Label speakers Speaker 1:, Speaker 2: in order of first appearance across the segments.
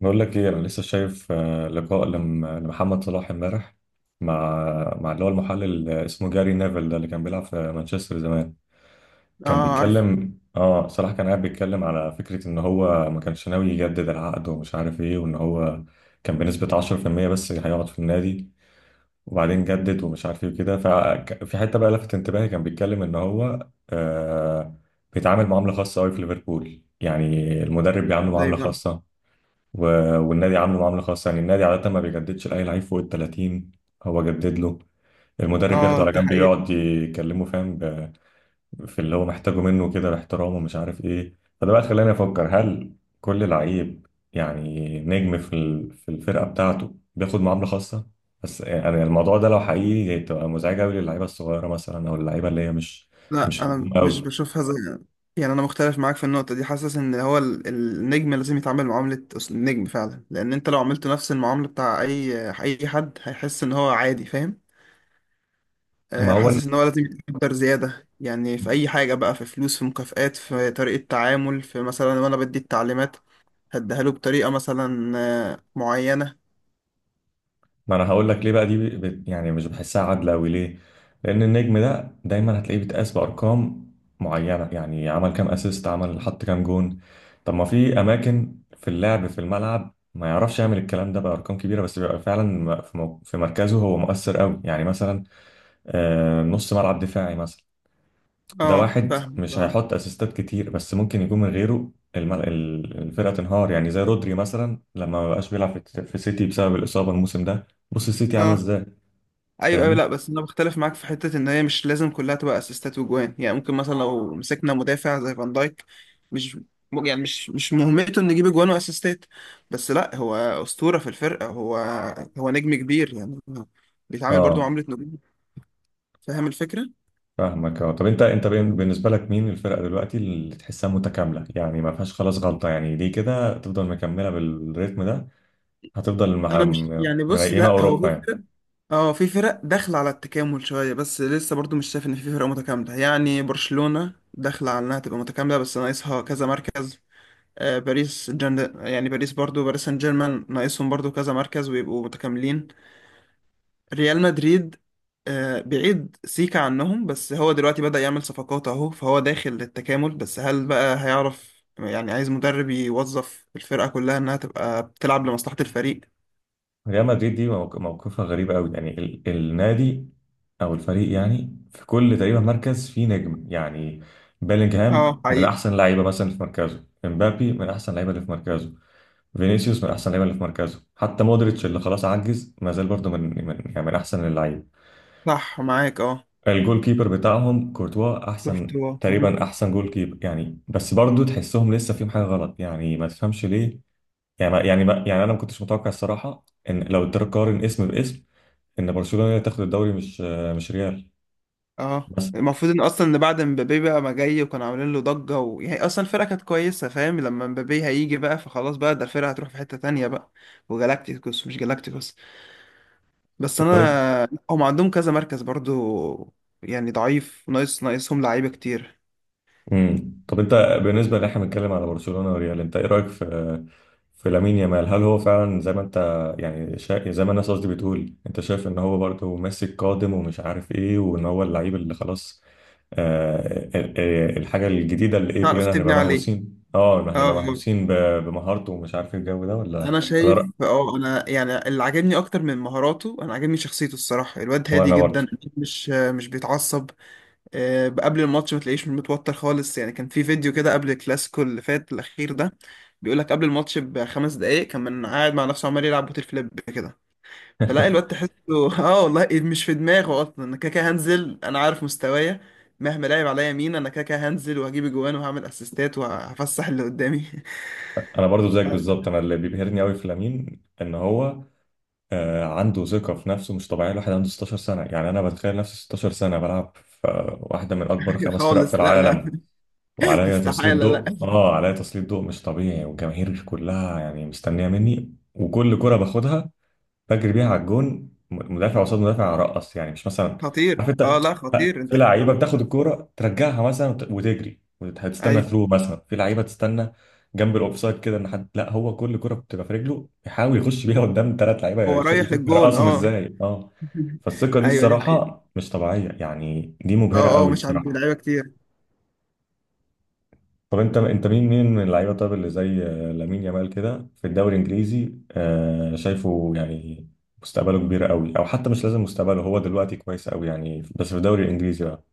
Speaker 1: بقول لك ايه، انا لسه شايف لقاء لمحمد صلاح امبارح مع مع اللي هو المحلل اللي اسمه جاري نيفل، ده اللي كان بيلعب في مانشستر زمان. كان
Speaker 2: اه عارف.
Speaker 1: بيتكلم، صلاح كان قاعد بيتكلم على فكرة ان هو ما كانش ناوي يجدد العقد ومش عارف ايه، وان هو كان بنسبة 10% بس هيقعد في النادي، وبعدين جدد ومش عارف ايه وكده. ففي حتة بقى لفت انتباهي، كان بيتكلم ان هو بيتعامل معاملة خاصة قوي في ليفربول يعني. المدرب بيعامله
Speaker 2: ازاي
Speaker 1: معاملة
Speaker 2: بقى
Speaker 1: خاصة و... والنادي عامله معامله خاصه، يعني النادي عاده ما بيجددش لاي لعيب فوق ال 30. هو جدد له، المدرب ياخده
Speaker 2: اه،
Speaker 1: على
Speaker 2: دي
Speaker 1: جنب
Speaker 2: حقيقة.
Speaker 1: يقعد يكلمه فاهم، في اللي هو محتاجه منه كده باحترام ومش عارف ايه. فده بقى خلاني افكر، هل كل لعيب يعني نجم في في الفرقه بتاعته بياخد معامله خاصه؟ بس يعني الموضوع ده لو حقيقي تبقى مزعجه قوي للعيبه الصغيره مثلا، او اللعيبه اللي هي
Speaker 2: لا،
Speaker 1: مش
Speaker 2: انا
Speaker 1: نجوم
Speaker 2: مش
Speaker 1: قوي.
Speaker 2: بشوفها زي. يعني انا مختلف معاك في النقطة دي، حاسس ان هو النجم لازم يتعامل معاملة النجم فعلا، لان انت لو عملته نفس المعاملة بتاع اي حد هيحس ان هو عادي، فاهم؟
Speaker 1: ما هو،
Speaker 2: حاسس ان هو لازم يتقدر زيادة، يعني في اي حاجة بقى، في فلوس، في مكافآت، في طريقة تعامل، في مثلا وانا بدي التعليمات هديها له بطريقة مثلا معينة.
Speaker 1: ما انا هقول لك ليه بقى دي، بت يعني مش بحسها عادله قوي ليه. لان النجم ده دايما هتلاقيه بيتقاس بارقام معينه، يعني عمل كام اسيست، عمل حط كام جون. طب ما في اماكن في اللعب في الملعب ما يعرفش يعمل الكلام ده بارقام كبيره، بس بيبقى فعلا في في مركزه هو مؤثر قوي، يعني مثلا نص ملعب دفاعي مثلا. ده
Speaker 2: اه
Speaker 1: واحد
Speaker 2: فاهم
Speaker 1: مش
Speaker 2: اه.
Speaker 1: هيحط اسيستات كتير، بس ممكن يكون من غيره الفرقه تنهار، يعني زي رودري مثلا لما ما بقاش بيلعب في سيتي بسبب الاصابه الموسم ده، بص السيتي عامله
Speaker 2: آه.
Speaker 1: ازاي.
Speaker 2: ايوه ايوه،
Speaker 1: فاهمني.
Speaker 2: لا بس انا بختلف معاك في حته ان هي مش لازم كلها تبقى اسيستات وجوان. يعني ممكن مثلا لو مسكنا مدافع زي فان دايك مش يعني مش مهمته انه يجيب اجوان واسيستات. بس لا، هو اسطوره في الفرقه، هو نجم كبير يعني، بيتعامل برضو
Speaker 1: اه
Speaker 2: معامله نجوم. فاهم الفكره؟
Speaker 1: فاهمك، اه. طب انت، بالنسبه لك مين الفرقه دلوقتي اللي تحسها متكامله، يعني ما فيهاش خلاص غلطه، يعني دي كده تفضل مكمله بالريتم ده؟ هتفضل مع
Speaker 2: انا مش يعني، بص
Speaker 1: منيمه
Speaker 2: لا، هو
Speaker 1: اوروبا
Speaker 2: في
Speaker 1: يعني.
Speaker 2: فرق. اه في فرق داخله على التكامل شويه، بس لسه برضو مش شايف ان في فرقه متكامله. يعني برشلونه داخله على انها تبقى متكامله بس ناقصها كذا مركز. باريس يعني باريس، برضو باريس سان جيرمان ناقصهم برضو كذا مركز ويبقوا متكاملين. ريال مدريد بعيد سيكا عنهم، بس هو دلوقتي بدأ يعمل صفقات اهو، فهو داخل للتكامل. بس هل بقى هيعرف؟ يعني عايز مدرب يوظف الفرقة كلها انها تبقى بتلعب لمصلحة الفريق.
Speaker 1: ريال مدريد دي موقفها غريب قوي يعني، النادي او الفريق، يعني في كل تقريبا مركز فيه نجم يعني.
Speaker 2: اه
Speaker 1: بيلينغهام من
Speaker 2: حقيقي.
Speaker 1: احسن اللعيبه مثلا اللي في مركزه، امبابي من احسن اللعيبه اللي في مركزه، فينيسيوس من احسن اللعيبه اللي في مركزه، حتى مودريتش اللي خلاص عجز ما زال برضه من يعني من احسن اللعيبه.
Speaker 2: صح معاك اه.
Speaker 1: الجول كيبر بتاعهم كورتوا
Speaker 2: شفت
Speaker 1: احسن
Speaker 2: هو.
Speaker 1: تقريبا، احسن جول كيبر يعني. بس برضو تحسهم لسه فيهم حاجه غلط، يعني ما تفهمش ليه. يعني ما يعني ما يعني انا ما كنتش متوقع الصراحه، ان لو تقارن اسم باسم، ان برشلونه هي اللي تاخد الدوري، مش ريال.
Speaker 2: اه
Speaker 1: بس
Speaker 2: المفروض ان اصلا ان بعد مبابي بقى ما جاي، وكانوا عاملين له ضجه يعني اصلا الفرقه كانت كويسه فاهم، لما مبابي هيجي بقى فخلاص بقى ده الفرقه هتروح في حته تانية بقى، وجالاكتيكوس مش جالاكتيكوس. بس انا هم عندهم كذا مركز برضو، يعني ضعيف، ناقصهم لعيبه كتير.
Speaker 1: امم، طب انت بالنسبه اللي احنا بنتكلم على برشلونه وريال، انت ايه رايك في لامين يامال؟ هل هو فعلا زي ما انت يعني زي ما الناس، قصدي بتقول، انت شايف ان هو برضه ماسك قادم ومش عارف ايه، وان هو اللعيب اللي خلاص الحاجه الجديده اللي ايه
Speaker 2: تعرف
Speaker 1: كلنا
Speaker 2: تبني
Speaker 1: هنبقى
Speaker 2: عليه.
Speaker 1: مهووسين، اه
Speaker 2: اه
Speaker 1: هنبقى
Speaker 2: آه.
Speaker 1: مهووسين بمهارته، ومش عارف ايه الجو ده، ولا؟
Speaker 2: انا
Speaker 1: ولا
Speaker 2: شايف
Speaker 1: رأيك؟
Speaker 2: اه، انا يعني اللي عاجبني اكتر من مهاراته، انا عاجبني شخصيته الصراحه، الواد هادي
Speaker 1: وانا
Speaker 2: جدا.
Speaker 1: برضه.
Speaker 2: مش بيتعصب. قبل الماتش ما تلاقيش متوتر خالص. يعني كان في فيديو كده قبل الكلاسيكو اللي فات الأخير ده، بيقول لك قبل الماتش بـ5 دقايق كان من قاعد مع نفسه عمال يلعب بوتل فليب كده. فلاقي الواد تحسه اه والله إيه مش في دماغه أصلا، أنا كده كده هنزل، أنا عارف مستوايا، مهما لعب عليا مين أنا كده كده هنزل وهجيب جوان وهعمل أسيستات وهفسح اللي قدامي.
Speaker 1: انا برضو زيك بالظبط. انا اللي بيبهرني قوي في لامين ان هو عنده ثقة في نفسه مش طبيعية. الواحد عنده 16 سنة يعني، أنا بتخيل نفسي 16 سنة بلعب في واحدة من أكبر خمس فرق في
Speaker 2: خالص، لا لا.
Speaker 1: العالم، وعليا تسليط
Speaker 2: استحالة، لا.
Speaker 1: ضوء، عليا تسليط ضوء مش طبيعي، والجماهير كلها يعني مستنية مني، وكل كرة باخدها بجري بيها على الجون، مدافع قصاد مدافع ارقص، يعني مش مثلا،
Speaker 2: خطير
Speaker 1: عارف
Speaker 2: اه،
Speaker 1: أنت،
Speaker 2: لا خطير، أنت
Speaker 1: في لعيبه
Speaker 2: بت-
Speaker 1: بتاخد الكوره ترجعها مثلا وتجري وهتستنى
Speaker 2: أيوه.
Speaker 1: ثرو مثلا، في لعيبه تستنى جنب الاوفسايد كده، ان حد، لا هو كل كره بتبقى في رجله يحاول يخش بيها قدام ثلاث لعيبه
Speaker 2: هو رايح
Speaker 1: يشوف
Speaker 2: للجون
Speaker 1: يرقصهم
Speaker 2: اه.
Speaker 1: ازاي، اه. فالثقه دي
Speaker 2: ايوه دي حقيقة.
Speaker 1: الصراحه مش طبيعيه، يعني دي مبهره
Speaker 2: اه اه،
Speaker 1: قوي
Speaker 2: مش عند
Speaker 1: الصراحه.
Speaker 2: لعيبه كتير.
Speaker 1: طب انت مين من اللعيبه طب اللي زي لامين يامال كده في الدوري الانجليزي شايفه يعني مستقبله كبير قوي، او حتى مش لازم مستقبله، هو دلوقتي كويس قوي يعني، بس في الدوري الانجليزي بقى؟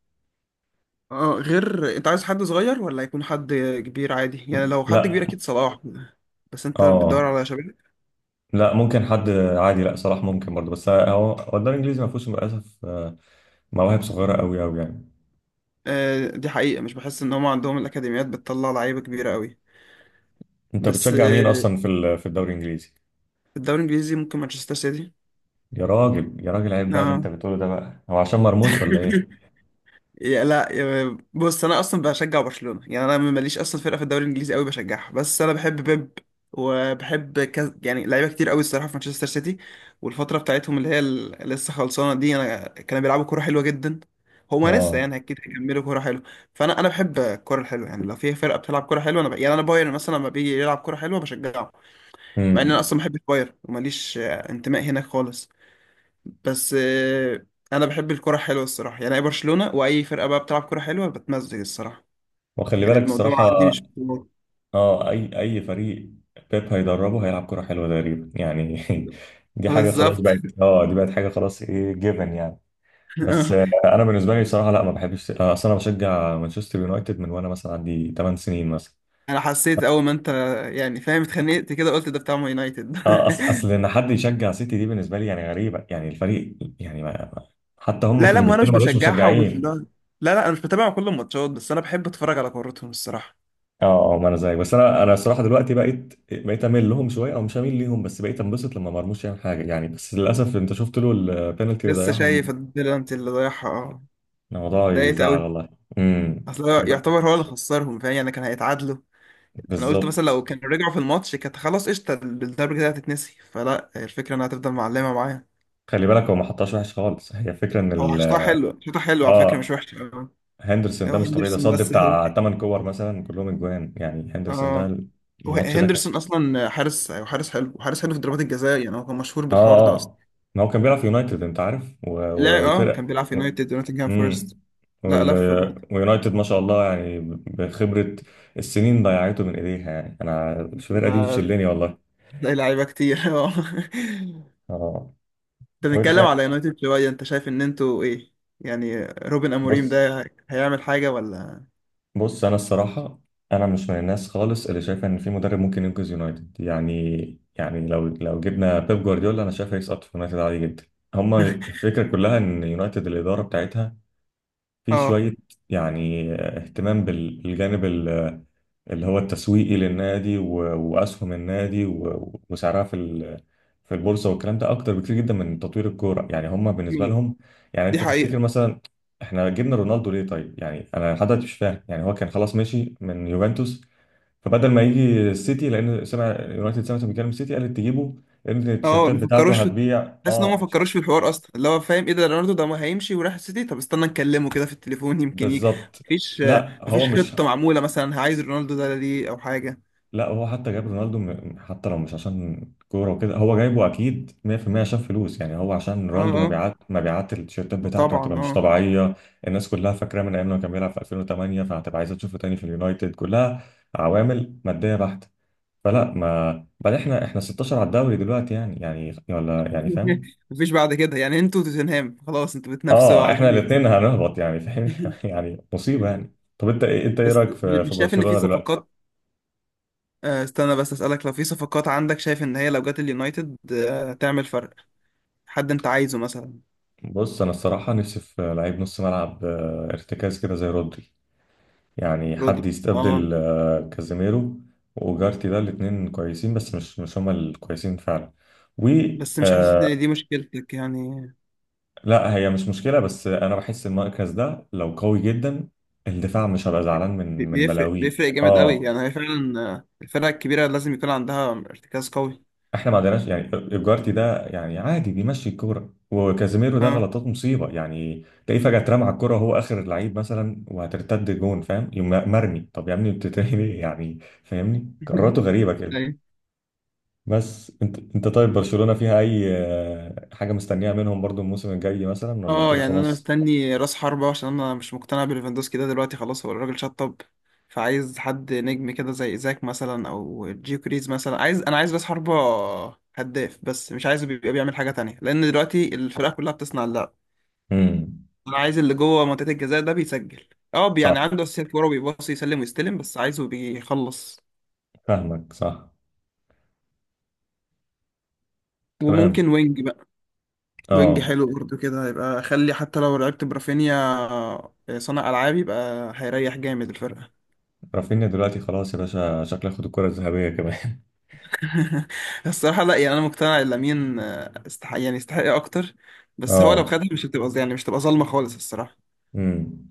Speaker 2: اه اه، غير انت عايز حد صغير ولا يكون حد كبير عادي؟ يعني لو حد كبير
Speaker 1: لا،
Speaker 2: اكيد صلاح. بس انت بتدور
Speaker 1: اه،
Speaker 2: على شباب.
Speaker 1: لا، ممكن حد عادي، لا صلاح ممكن برضه، بس هو، هو الدوري الانجليزي ما فيهوش للاسف مواهب صغيره قوي قوي يعني.
Speaker 2: آه دي حقيقه، مش بحس ان هم عندهم الاكاديميات بتطلع لعيبه كبيره قوي.
Speaker 1: انت
Speaker 2: بس
Speaker 1: بتشجع مين اصلا في الدوري الانجليزي؟
Speaker 2: في الدوري الانجليزي ممكن مانشستر سيتي.
Speaker 1: يا راجل يا راجل، عيب بقى اللي انت
Speaker 2: اه
Speaker 1: بتقوله ده بقى، هو عشان مرموش ولا ايه؟
Speaker 2: يا لا يا بص، انا اصلا بشجع برشلونه، يعني انا ماليش اصلا فرقه في الدوري الانجليزي قوي بشجعها، بس انا بحب بيب، يعني لعيبه كتير قوي الصراحه في مانشستر سيتي، والفتره بتاعتهم اللي هي لسه خلصانه دي، انا كانوا بيلعبوا كوره حلوه جدا. هما لسه
Speaker 1: اه.
Speaker 2: يعني اكيد هيكملوا كوره حلوه. فانا بحب الكوره الحلوه، يعني لو في فرقه بتلعب كوره حلوه انا يعني انا بايرن مثلا لما بيجي يلعب كوره حلوه بشجعه. مع ان انا
Speaker 1: امم.
Speaker 2: اصلا بحب بايرن وماليش انتماء هناك خالص. بس انا بحب الكرة حلوة الصراحة، يعني اي برشلونة واي فرقة بقى بتلعب كرة حلوة بتمزج الصراحة.
Speaker 1: وخلي
Speaker 2: يعني
Speaker 1: بالك
Speaker 2: الموضوع
Speaker 1: الصراحه،
Speaker 2: عندي مش بطولات.
Speaker 1: اه، اي اي فريق بيب هيدربه هيلعب كره حلوه تقريبا يعني. دي حاجه خلاص
Speaker 2: بالظبط.
Speaker 1: بقت، اه دي بقت حاجه خلاص ايه، جيفن يعني. بس انا بالنسبه لي صراحه لا، ما بحبش، اصل انا بشجع مانشستر يونايتد من وانا مثلا عندي 8 سنين مثلا.
Speaker 2: انا حسيت اول ما انت، يعني فاهم، اتخنقت كده قلت ده بتاع مان يونايتد.
Speaker 1: اه اصل، ان حد يشجع سيتي دي بالنسبه لي يعني غريبه يعني، الفريق يعني ما حتى هم
Speaker 2: لا
Speaker 1: في
Speaker 2: لا، ما انا مش
Speaker 1: انجلترا ما لهمش
Speaker 2: بشجعها ومش لا.
Speaker 1: مشجعين.
Speaker 2: لا لا، انا مش بتابع كل الماتشات بس انا بحب اتفرج على كورتهم الصراحة.
Speaker 1: اه اه، ما انا زيك. بس انا الصراحه دلوقتي بقيت، اميل لهم شويه، او مش اميل ليهم بس بقيت انبسط لما مرموش يعمل حاجه يعني. بس للاسف انت شفت له البينالتي اللي
Speaker 2: لسه
Speaker 1: ضيعها،
Speaker 2: شايف البلنتي اللي ضايعها اه.
Speaker 1: الموضوع
Speaker 2: ضايقت
Speaker 1: يزعل
Speaker 2: قوي.
Speaker 1: والله. امم.
Speaker 2: اصل هو
Speaker 1: خلي بالك.
Speaker 2: يعتبر هو اللي خسرهم فاهم، يعني كان هيتعادلوا. انا قلت مثلا
Speaker 1: بالظبط.
Speaker 2: لو كان رجعوا في الماتش كانت خلاص قشطه، الضربه كده هتتنسي. فلا، الفكره انها هتفضل معلمه معايا.
Speaker 1: خلي بالك، هو ما حطهاش وحش خالص، هي الفكره ان
Speaker 2: هو
Speaker 1: ال،
Speaker 2: حشتها حلو، حشتها حلو على فكره، مش
Speaker 1: اه.
Speaker 2: وحشه أوي.
Speaker 1: هندرسون
Speaker 2: هو
Speaker 1: ده مش طبيعي، ده
Speaker 2: هندرسون
Speaker 1: صد
Speaker 2: بس هن-
Speaker 1: بتاع 8 كور مثلا كلهم اجوان يعني، هندرسون
Speaker 2: اه
Speaker 1: ده
Speaker 2: هو
Speaker 1: الماتش ده.
Speaker 2: هندرسون اصلا حارس، أيوة حارس حلو وحارس حلو في ضربات الجزاء. يعني هو كان مشهور بالحوار ده
Speaker 1: اه
Speaker 2: اصلا.
Speaker 1: اه، ما هو كان بيلعب في يونايتد انت عارف
Speaker 2: لا اه، كان
Speaker 1: والفرق
Speaker 2: بيلعب في
Speaker 1: و...
Speaker 2: يونايتد ونوتنجهام فورست.
Speaker 1: امم
Speaker 2: لا
Speaker 1: وال...
Speaker 2: لف برضه.
Speaker 1: ويونايتد ما شاء الله يعني، بخبرة السنين ضيعته من ايديها يعني، انا الفرقة دي
Speaker 2: ده-
Speaker 1: بتشلني والله.
Speaker 2: تلاقي لعيبه كتير اه.
Speaker 1: اه.
Speaker 2: انت
Speaker 1: طب انت،
Speaker 2: بنتكلم على يونايتد شويه، انت شايف ان انتوا ايه، يعني روبن اموريم
Speaker 1: بص.
Speaker 2: ده هيعمل حاجه ولا؟
Speaker 1: انا الصراحة، انا مش من الناس خالص اللي شايفة ان في مدرب ممكن ينقذ يونايتد يعني. يعني لو جبنا بيب جوارديولا، انا شايف هيسقط في يونايتد عادي جدا. هما الفكرة كلها ان يونايتد، الإدارة بتاعتها في
Speaker 2: اه
Speaker 1: شوية يعني اهتمام بالجانب اللي هو التسويقي للنادي، وأسهم النادي، وسعرها في البورصة، والكلام ده أكتر بكتير جدا من تطوير الكورة يعني. هم بالنسبة لهم يعني،
Speaker 2: دي
Speaker 1: أنت
Speaker 2: حقيقة.
Speaker 1: تفتكر مثلا إحنا جبنا رونالدو ليه طيب يعني؟ أنا لحد دلوقتي مش فاهم يعني، هو كان خلاص مشي من يوفنتوس، فبدل ما يجي السيتي، لأن سمع يونايتد، سمعت بيتكلم السيتي، قالت تجيبه لأن
Speaker 2: اه
Speaker 1: التيشيرتات
Speaker 2: ما
Speaker 1: بتاعته
Speaker 2: بيفكروش في،
Speaker 1: هتبيع.
Speaker 2: تحس ان هم ما
Speaker 1: أه.
Speaker 2: فكروش في الحوار اصلا، اللي هو فاهم ايه ده؟ رونالدو ده ما هيمشي وراح السيتي طب استنى نكلمه كده في التليفون يمكن يجي.
Speaker 1: بالظبط.
Speaker 2: مفيش
Speaker 1: لا هو
Speaker 2: مفيش
Speaker 1: مش،
Speaker 2: خطة معمولة مثلا عايز رونالدو ده ليه او حاجة.
Speaker 1: لا هو حتى جاب رونالدو، حتى لو مش عشان كورة وكده، هو جايبه أكيد 100% عشان فلوس يعني. هو عشان
Speaker 2: اه
Speaker 1: رونالدو،
Speaker 2: اه،
Speaker 1: مبيعات، التيشيرتات بتاعته
Speaker 2: طبعا
Speaker 1: هتبقى مش
Speaker 2: اه.
Speaker 1: طبيعية. الناس كلها فاكراه من أيام لما كان بيلعب في 2008، فهتبقى عايزة تشوفه تاني في اليونايتد، كلها عوامل مادية بحتة. فلا، ما بعد، احنا 16 على الدوري دلوقتي يعني، يعني ولا يعني، فاهم؟
Speaker 2: مفيش بعد كده، يعني انتوا توتنهام خلاص انتوا بتنافسوا
Speaker 1: اه
Speaker 2: على
Speaker 1: احنا
Speaker 2: الهبوط.
Speaker 1: الاتنين هنهبط يعني فاهم. يعني مصيبة يعني. طب انت ايه، انت ايه
Speaker 2: بس
Speaker 1: رأيك في
Speaker 2: مش شايف ان في
Speaker 1: برشلونة دلوقتي؟
Speaker 2: صفقات. استنى بس اسألك، لو في صفقات عندك شايف ان هي لو جت اليونايتد تعمل فرق؟ حد انت عايزه مثلا؟
Speaker 1: بص انا الصراحه نفسي في لعيب نص ملعب ارتكاز كده زي رودري، يعني
Speaker 2: رودري
Speaker 1: حد
Speaker 2: اه.
Speaker 1: يستبدل كازيميرو وجارتي، ده الاتنين كويسين بس مش هما الكويسين فعلا. و
Speaker 2: بس مش حاسس ان
Speaker 1: آه،
Speaker 2: دي مشكلتك يعني.
Speaker 1: لا هي مش مشكله، بس انا بحس المركز ده لو قوي جدا الدفاع مش هبقى
Speaker 2: بي-
Speaker 1: زعلان من
Speaker 2: بيفرق
Speaker 1: بلاوي.
Speaker 2: بيفرق جامد قوي،
Speaker 1: اه،
Speaker 2: يعني هي فعلا الفرقة الكبيرة لازم يكون عندها ارتكاز قوي.
Speaker 1: احنا ما عندناش يعني. الجارتي ده يعني عادي بيمشي الكوره، وكازيميرو ده
Speaker 2: اه
Speaker 1: غلطات مصيبه يعني، تلاقيه فجاه اترمى على الكوره وهو اخر اللعيب مثلا وهترتد جون فاهم، يقوم مرمي، طب يا ابني بتتهني ليه يعني؟ فاهمني، قراراته غريبه كده.
Speaker 2: ايوه.
Speaker 1: بس انت، طيب برشلونه فيها اي حاجه مستنيها منهم برضو الموسم الجاي مثلا ولا
Speaker 2: اه
Speaker 1: كده
Speaker 2: يعني انا
Speaker 1: خلاص؟
Speaker 2: مستني راس حربة عشان انا مش مقتنع بليفاندوسكي ده دلوقتي، خلاص هو الراجل شطب. فعايز حد نجم كده زي ايزاك مثلا او جيو كريز مثلا، عايز انا عايز راس حربة هداف، بس مش عايزه بيبقى بيعمل حاجة تانية لان دلوقتي الفرقة كلها بتصنع اللعب.
Speaker 1: امم.
Speaker 2: انا عايز اللي جوه منطقة الجزاء ده بيسجل. اه
Speaker 1: صح.
Speaker 2: يعني عنده اساسيات كوره بيباصي يسلم ويستلم، بس عايزه بيخلص.
Speaker 1: فاهمك صح. تمام.
Speaker 2: وممكن وينج، وينج
Speaker 1: اه.
Speaker 2: حلو برضه كده، يبقى اخلي حتى لو لعبت برافينيا صانع العاب يبقى هيريح جامد الفرقه.
Speaker 1: رافينيا دلوقتي خلاص يا باشا، شكله ياخد الكره الذهبيه كمان.
Speaker 2: الصراحه لا، يعني انا مقتنع ان لامين استحق، يعني يستحق اكتر. بس هو لو
Speaker 1: اه.
Speaker 2: خدها مش هتبقى يعني مش هتبقى ظلمه خالص الصراحه.
Speaker 1: امم.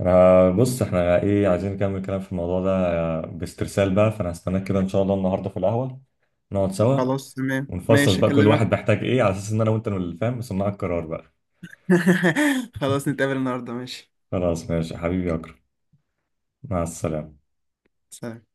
Speaker 1: أنا بص، احنا ايه عايزين نكمل كلام في الموضوع ده باسترسال بقى، فانا هستناك كده ان شاء الله النهارده في القهوه، نقعد سوا
Speaker 2: خلاص تمام،
Speaker 1: ونفصص
Speaker 2: ماشي
Speaker 1: بقى كل
Speaker 2: اكلمك.
Speaker 1: واحد محتاج ايه، على اساس ان انا وانت اللي فاهم صناع القرار بقى.
Speaker 2: خلاص نتقابل النهارده ماشي.
Speaker 1: خلاص ماشي يا حبيبي يا اكرم. مع السلامه.
Speaker 2: سلام.